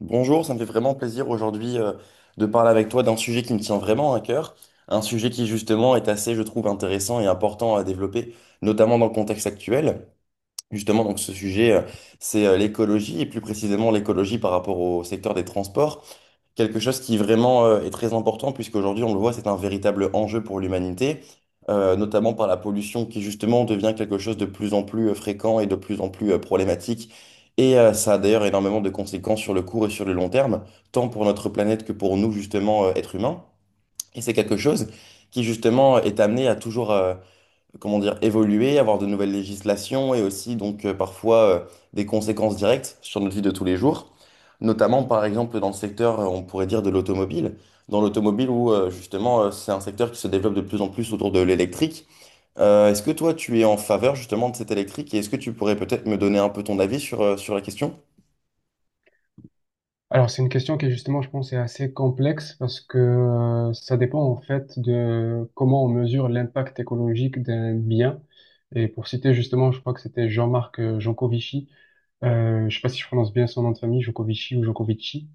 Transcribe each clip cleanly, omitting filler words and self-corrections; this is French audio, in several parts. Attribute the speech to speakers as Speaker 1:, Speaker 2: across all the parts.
Speaker 1: Bonjour, ça me fait vraiment plaisir aujourd'hui de parler avec toi d'un sujet qui me tient vraiment à cœur, un sujet qui justement est assez, je trouve, intéressant et important à développer, notamment dans le contexte actuel. Justement, donc ce sujet, c'est l'écologie, et plus précisément l'écologie par rapport au secteur des transports. Quelque chose qui vraiment est très important, puisqu'aujourd'hui, on le voit, c'est un véritable enjeu pour l'humanité, notamment par la pollution qui justement devient quelque chose de plus en plus fréquent et de plus en plus problématique. Et ça a d'ailleurs énormément de conséquences sur le court et sur le long terme, tant pour notre planète que pour nous, justement, êtres humains. Et c'est quelque chose qui, justement, est amené à toujours, comment dire, évoluer, avoir de nouvelles législations et aussi donc parfois des conséquences directes sur notre vie de tous les jours. Notamment par exemple dans le secteur, on pourrait dire de l'automobile. Dans l'automobile où justement c'est un secteur qui se développe de plus en plus autour de l'électrique. Est-ce que toi tu es en faveur justement de cet électrique et est-ce que tu pourrais peut-être me donner un peu ton avis sur, sur la question?
Speaker 2: Alors, c'est une question qui, justement, je pense, est assez complexe parce que ça dépend, en fait, de comment on mesure l'impact écologique d'un bien. Et pour citer, justement, je crois que c'était Jean-Marc Jancovici. Je sais pas si je prononce bien son nom de famille, Jancovici ou Jancovici.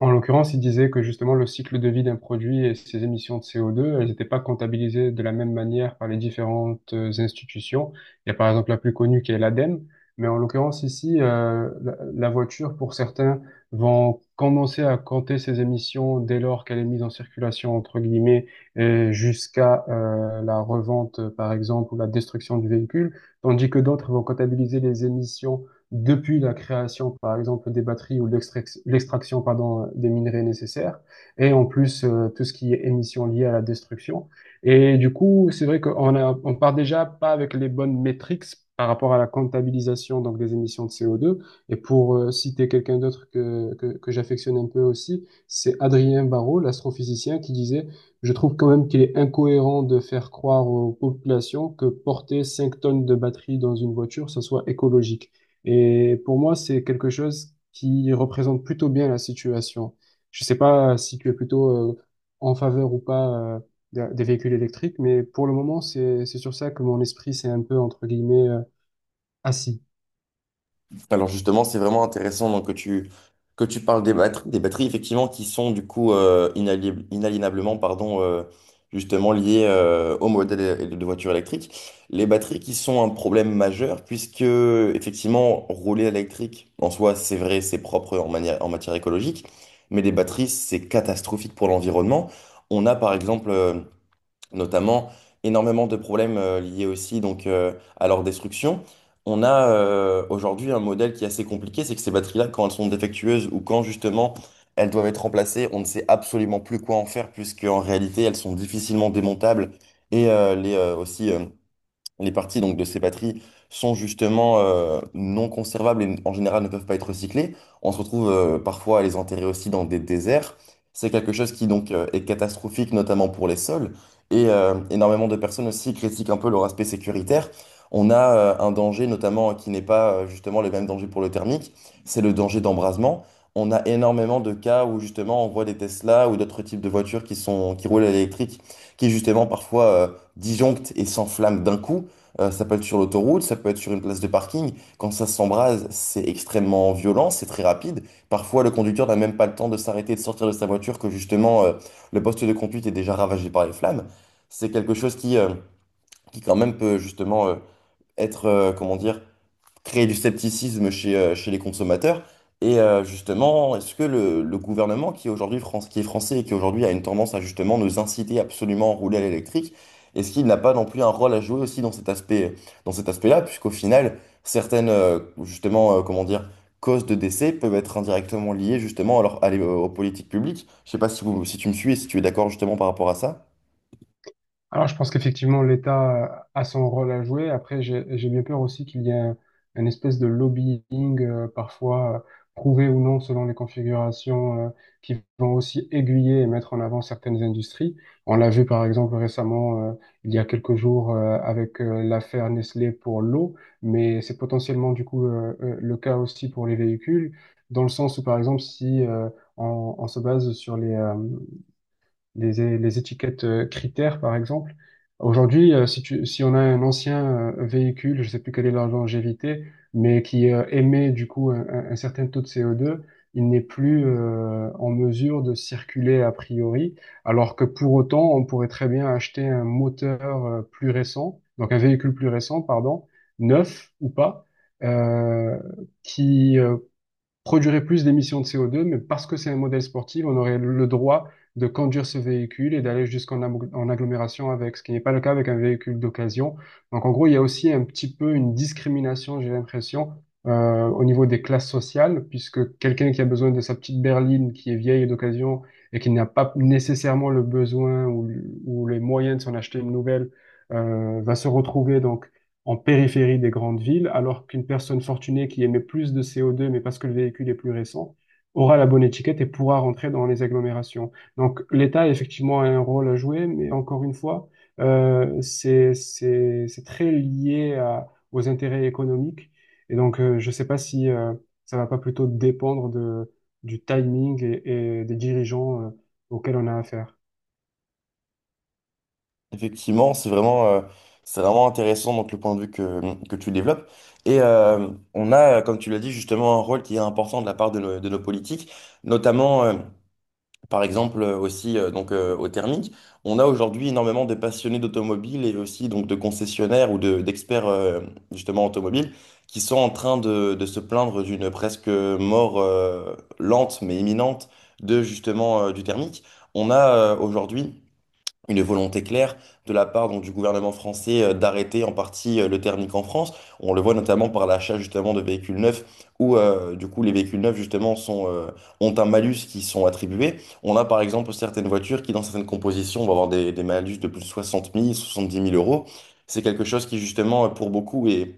Speaker 2: En l'occurrence, il disait que justement le cycle de vie d'un produit et ses émissions de CO2, elles n'étaient pas comptabilisées de la même manière par les différentes institutions. Il y a par exemple la plus connue qui est l'ADEME, mais en l'occurrence ici, la voiture, pour certains, vont commencer à compter ses émissions dès lors qu'elle est mise en circulation, entre guillemets, et jusqu'à la revente, par exemple, ou la destruction du véhicule, tandis que d'autres vont comptabiliser les émissions depuis la création, par exemple, des batteries ou l'extraction, pardon, des minerais nécessaires, et en plus tout ce qui est émissions liées à la destruction. Et du coup, c'est vrai qu'on a, on part déjà pas avec les bonnes métriques par rapport à la comptabilisation donc des émissions de CO2. Et pour citer quelqu'un d'autre que j'affectionne un peu aussi, c'est Adrien Barraud, l'astrophysicien, qui disait, je trouve quand même qu'il est incohérent de faire croire aux populations que porter 5 tonnes de batterie dans une voiture, ça soit écologique. Et pour moi, c'est quelque chose qui représente plutôt bien la situation. Je sais pas si tu es plutôt en faveur ou pas euh, des véhicules électriques, mais pour le moment, c'est sur ça que mon esprit s'est un peu, entre guillemets, assis.
Speaker 1: Alors justement, c'est vraiment intéressant donc, que tu parles des batteries effectivement qui sont du coup inaliénablement pardon, justement liées au modèle de voiture électrique. Les batteries qui sont un problème majeur puisque effectivement rouler électrique en soi c'est vrai, c'est propre en manière, en matière écologique, mais les batteries c'est catastrophique pour l'environnement. On a par exemple notamment énormément de problèmes liés aussi donc, à leur destruction. On a aujourd'hui un modèle qui est assez compliqué, c'est que ces batteries-là, quand elles sont défectueuses ou quand justement elles doivent être remplacées, on ne sait absolument plus quoi en faire puisqu'en réalité elles sont difficilement démontables et aussi les parties donc, de ces batteries sont justement non conservables et en général ne peuvent pas être recyclées. On se retrouve parfois à les enterrer aussi dans des déserts. C'est quelque chose qui donc est catastrophique, notamment pour les sols. Et énormément de personnes aussi critiquent un peu leur aspect sécuritaire. On a un danger notamment qui n'est pas justement le même danger pour le thermique, c'est le danger d'embrasement. On a énormément de cas où justement on voit des Tesla ou d'autres types de voitures qui sont, qui roulent à l'électrique, qui justement parfois disjonctent et s'enflamment d'un coup. Ça peut être sur l'autoroute, ça peut être sur une place de parking. Quand ça s'embrase, c'est extrêmement violent, c'est très rapide. Parfois, le conducteur n'a même pas le temps de s'arrêter et de sortir de sa voiture que justement, le poste de conduite est déjà ravagé par les flammes. C'est quelque chose qui quand même peut justement comment dire, créer du scepticisme chez les consommateurs. Et justement, est-ce que le gouvernement qui est aujourd'hui France, qui est français et qui aujourd'hui a une tendance à justement nous inciter absolument à rouler à l'électrique, est-ce qu'il n'a pas non plus un rôle à jouer aussi dans cet aspect, dans cet aspect-là, puisqu'au final, certaines, justement, comment dire, causes de décès peuvent être indirectement liées justement alors, aux politiques publiques. Je sais pas si, si tu me suis et si tu es d'accord justement par rapport à ça.
Speaker 2: Alors, je pense qu'effectivement, l'État a son rôle à jouer. Après, j'ai bien peur aussi qu'il y ait un espèce de lobbying, parfois prouvé ou non selon les configurations, qui vont aussi aiguiller et mettre en avant certaines industries. On l'a vu par exemple récemment, il y a quelques jours, avec l'affaire Nestlé pour l'eau, mais c'est potentiellement du coup le cas aussi pour les véhicules, dans le sens où par exemple, si on se base sur les étiquettes critères, par exemple. Aujourd'hui, si on a un ancien véhicule, je sais plus quelle est la longévité, mais qui émet du coup un certain taux de CO2, il n'est plus en mesure de circuler a priori, alors que pour autant, on pourrait très bien acheter un moteur plus récent, donc un véhicule plus récent, pardon, neuf ou pas, euh, qui, produirait plus d'émissions de CO2, mais parce que c'est un modèle sportif, on aurait le droit de conduire ce véhicule et d'aller jusqu'en en agglomération avec, ce qui n'est pas le cas avec un véhicule d'occasion. Donc en gros, il y a aussi un petit peu une discrimination, j'ai l'impression, au niveau des classes sociales, puisque quelqu'un qui a besoin de sa petite berline qui est vieille et d'occasion et qui n'a pas nécessairement le besoin ou les moyens de s'en acheter une nouvelle, va se retrouver donc en périphérie des grandes villes, alors qu'une personne fortunée qui émet plus de CO2, mais parce que le véhicule est plus récent, aura la bonne étiquette et pourra rentrer dans les agglomérations. Donc l'État, effectivement, a un rôle à jouer, mais encore une fois, c'est très lié aux intérêts économiques. Et donc, je ne sais pas si ça va pas plutôt dépendre du timing et des dirigeants auxquels on a affaire.
Speaker 1: Effectivement, c'est c'est vraiment intéressant donc le point de vue que tu développes. Et on a, comme tu l'as dit, justement un rôle qui est important de la part de nos politiques, notamment par exemple aussi donc au thermique. On a aujourd'hui énormément de passionnés d'automobile et aussi donc de concessionnaires ou d'experts justement automobiles qui sont en train de se plaindre d'une presque mort lente mais imminente de justement du thermique. On a aujourd'hui une volonté claire de la part donc, du gouvernement français d'arrêter en partie le thermique en France. On le voit notamment par l'achat justement de véhicules neufs où du coup les véhicules neufs justement ont un malus qui sont attribués. On a par exemple certaines voitures qui dans certaines compositions vont avoir des malus de plus de 60 000, 70 000 euros. C'est quelque chose qui justement pour beaucoup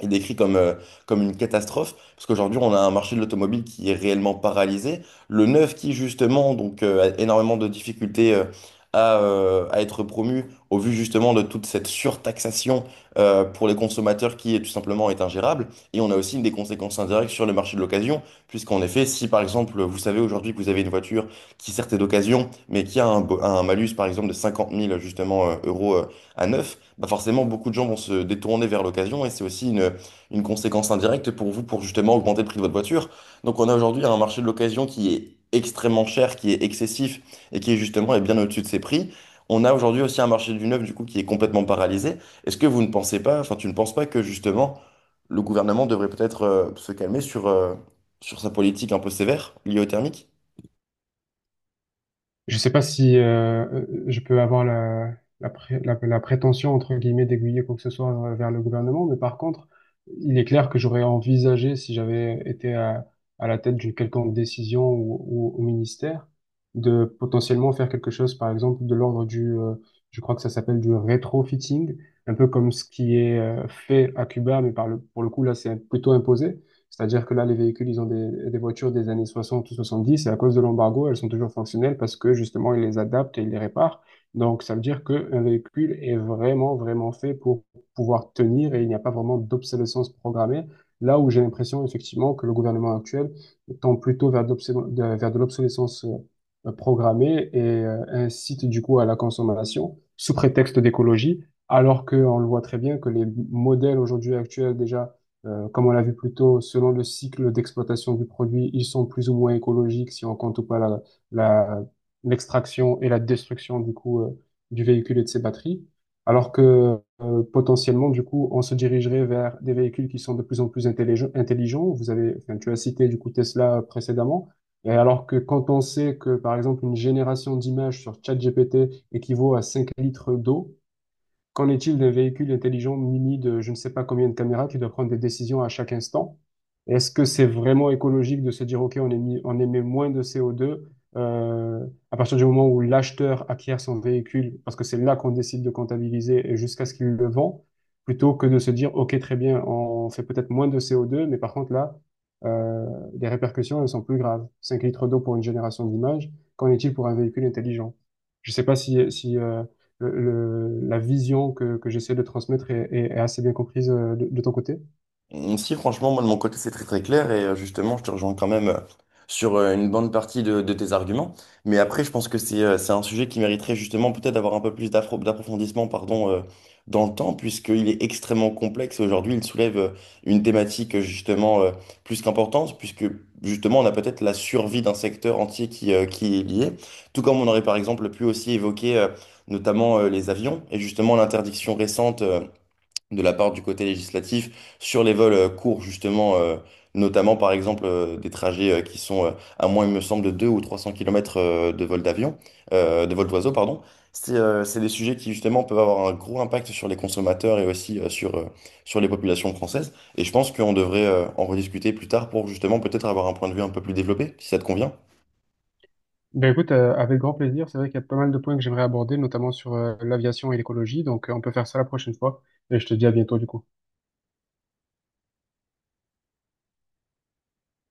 Speaker 1: est décrit comme une catastrophe, parce qu'aujourd'hui, on a un marché de l'automobile qui est réellement paralysé. Le neuf qui, justement, a énormément de difficultés à être promu, au vu justement de toute cette surtaxation pour les consommateurs qui, tout simplement, est ingérable. Et on a aussi des conséquences indirectes sur le marché de l'occasion, puisqu'en effet, si, par exemple, vous savez aujourd'hui que vous avez une voiture qui, certes, est d'occasion, mais qui a un malus, par exemple, de 50 000, justement, euros à neuf, bah forcément, beaucoup de gens vont se détourner vers l'occasion, et c'est aussi une conséquence indirecte pour vous pour justement augmenter le prix de votre voiture. Donc on a aujourd'hui un marché de l'occasion qui est extrêmement cher, qui est excessif et qui est justement est bien au-dessus de ses prix. On a aujourd'hui aussi un marché du neuf du coup qui est complètement paralysé. Est-ce que vous ne pensez pas, enfin tu ne penses pas que justement le gouvernement devrait peut-être se calmer sur sa politique un peu sévère liée au thermique?
Speaker 2: Je sais pas si je peux avoir la prétention, entre guillemets, d'aiguiller quoi que ce soit vers le gouvernement, mais par contre, il est clair que j'aurais envisagé, si j'avais été à la tête d'une quelconque décision ou au ministère, de potentiellement faire quelque chose, par exemple, de l'ordre je crois que ça s'appelle du rétrofitting, un peu comme ce qui est fait à Cuba, mais pour le coup, là, c'est plutôt imposé. C'est-à-dire que là, les véhicules, ils ont des voitures des années 60 ou 70 et à cause de l'embargo, elles sont toujours fonctionnelles parce que justement, ils les adaptent et ils les réparent. Donc, ça veut dire qu'un véhicule est vraiment, vraiment fait pour pouvoir tenir et il n'y a pas vraiment d'obsolescence programmée. Là où j'ai l'impression, effectivement, que le gouvernement actuel tend plutôt vers de l'obsolescence programmée et incite du coup à la consommation sous prétexte d'écologie, alors qu'on le voit très bien que les modèles aujourd'hui actuels déjà comme on l'a vu plus tôt, selon le cycle d'exploitation du produit, ils sont plus ou moins écologiques si on compte ou pas la- l'extraction et la destruction du coup du véhicule et de ses batteries. Alors que potentiellement, du coup, on se dirigerait vers des véhicules qui sont de plus en plus intelligents. Tu as cité du coup Tesla précédemment. Et alors que quand on sait que, par exemple, une génération d'images sur ChatGPT équivaut à 5 litres d'eau. Qu'en est-il des véhicules intelligents munis de je ne sais pas combien de caméras qui doivent prendre des décisions à chaque instant? Est-ce que c'est vraiment écologique de se dire, OK, on émet moins de CO2 à partir du moment où l'acheteur acquiert son véhicule, parce que c'est là qu'on décide de comptabiliser et jusqu'à ce qu'il le vend, plutôt que de se dire, OK, très bien, on fait peut-être moins de CO2, mais par contre là, euh, les répercussions, elles sont plus graves. 5 litres d'eau pour une génération d'images, qu'en est-il pour un véhicule intelligent? Je ne sais pas si, le- la vision que j'essaie de transmettre est assez bien comprise de ton côté?
Speaker 1: Mm, si, franchement, moi de mon côté, c'est très très clair et justement, je te rejoins quand même sur une bonne partie de tes arguments. Mais après, je pense que c'est un sujet qui mériterait justement peut-être d'avoir un peu plus d'approfondissement pardon, dans le temps, puisqu'il est extrêmement complexe. Aujourd'hui, il soulève une thématique justement plus qu'importante, puisque justement, on a peut-être la survie d'un secteur entier qui est lié. Tout comme on aurait par exemple pu aussi évoquer notamment les avions et justement l'interdiction récente. De la part du côté législatif sur les vols courts, justement, notamment par exemple des trajets qui sont à moins, il me semble, de 2 ou 300 km de vol d'avion, de vol d'oiseau, pardon. C'est des sujets qui, justement, peuvent avoir un gros impact sur les consommateurs et aussi sur les populations françaises. Et je pense qu'on devrait en rediscuter plus tard pour, justement, peut-être avoir un point de vue un peu plus développé, si ça te convient.
Speaker 2: Ben écoute, avec grand plaisir. C'est vrai qu'il y a pas mal de points que j'aimerais aborder, notamment sur l'aviation et l'écologie. Donc, on peut faire ça la prochaine fois. Et je te dis à bientôt, du coup.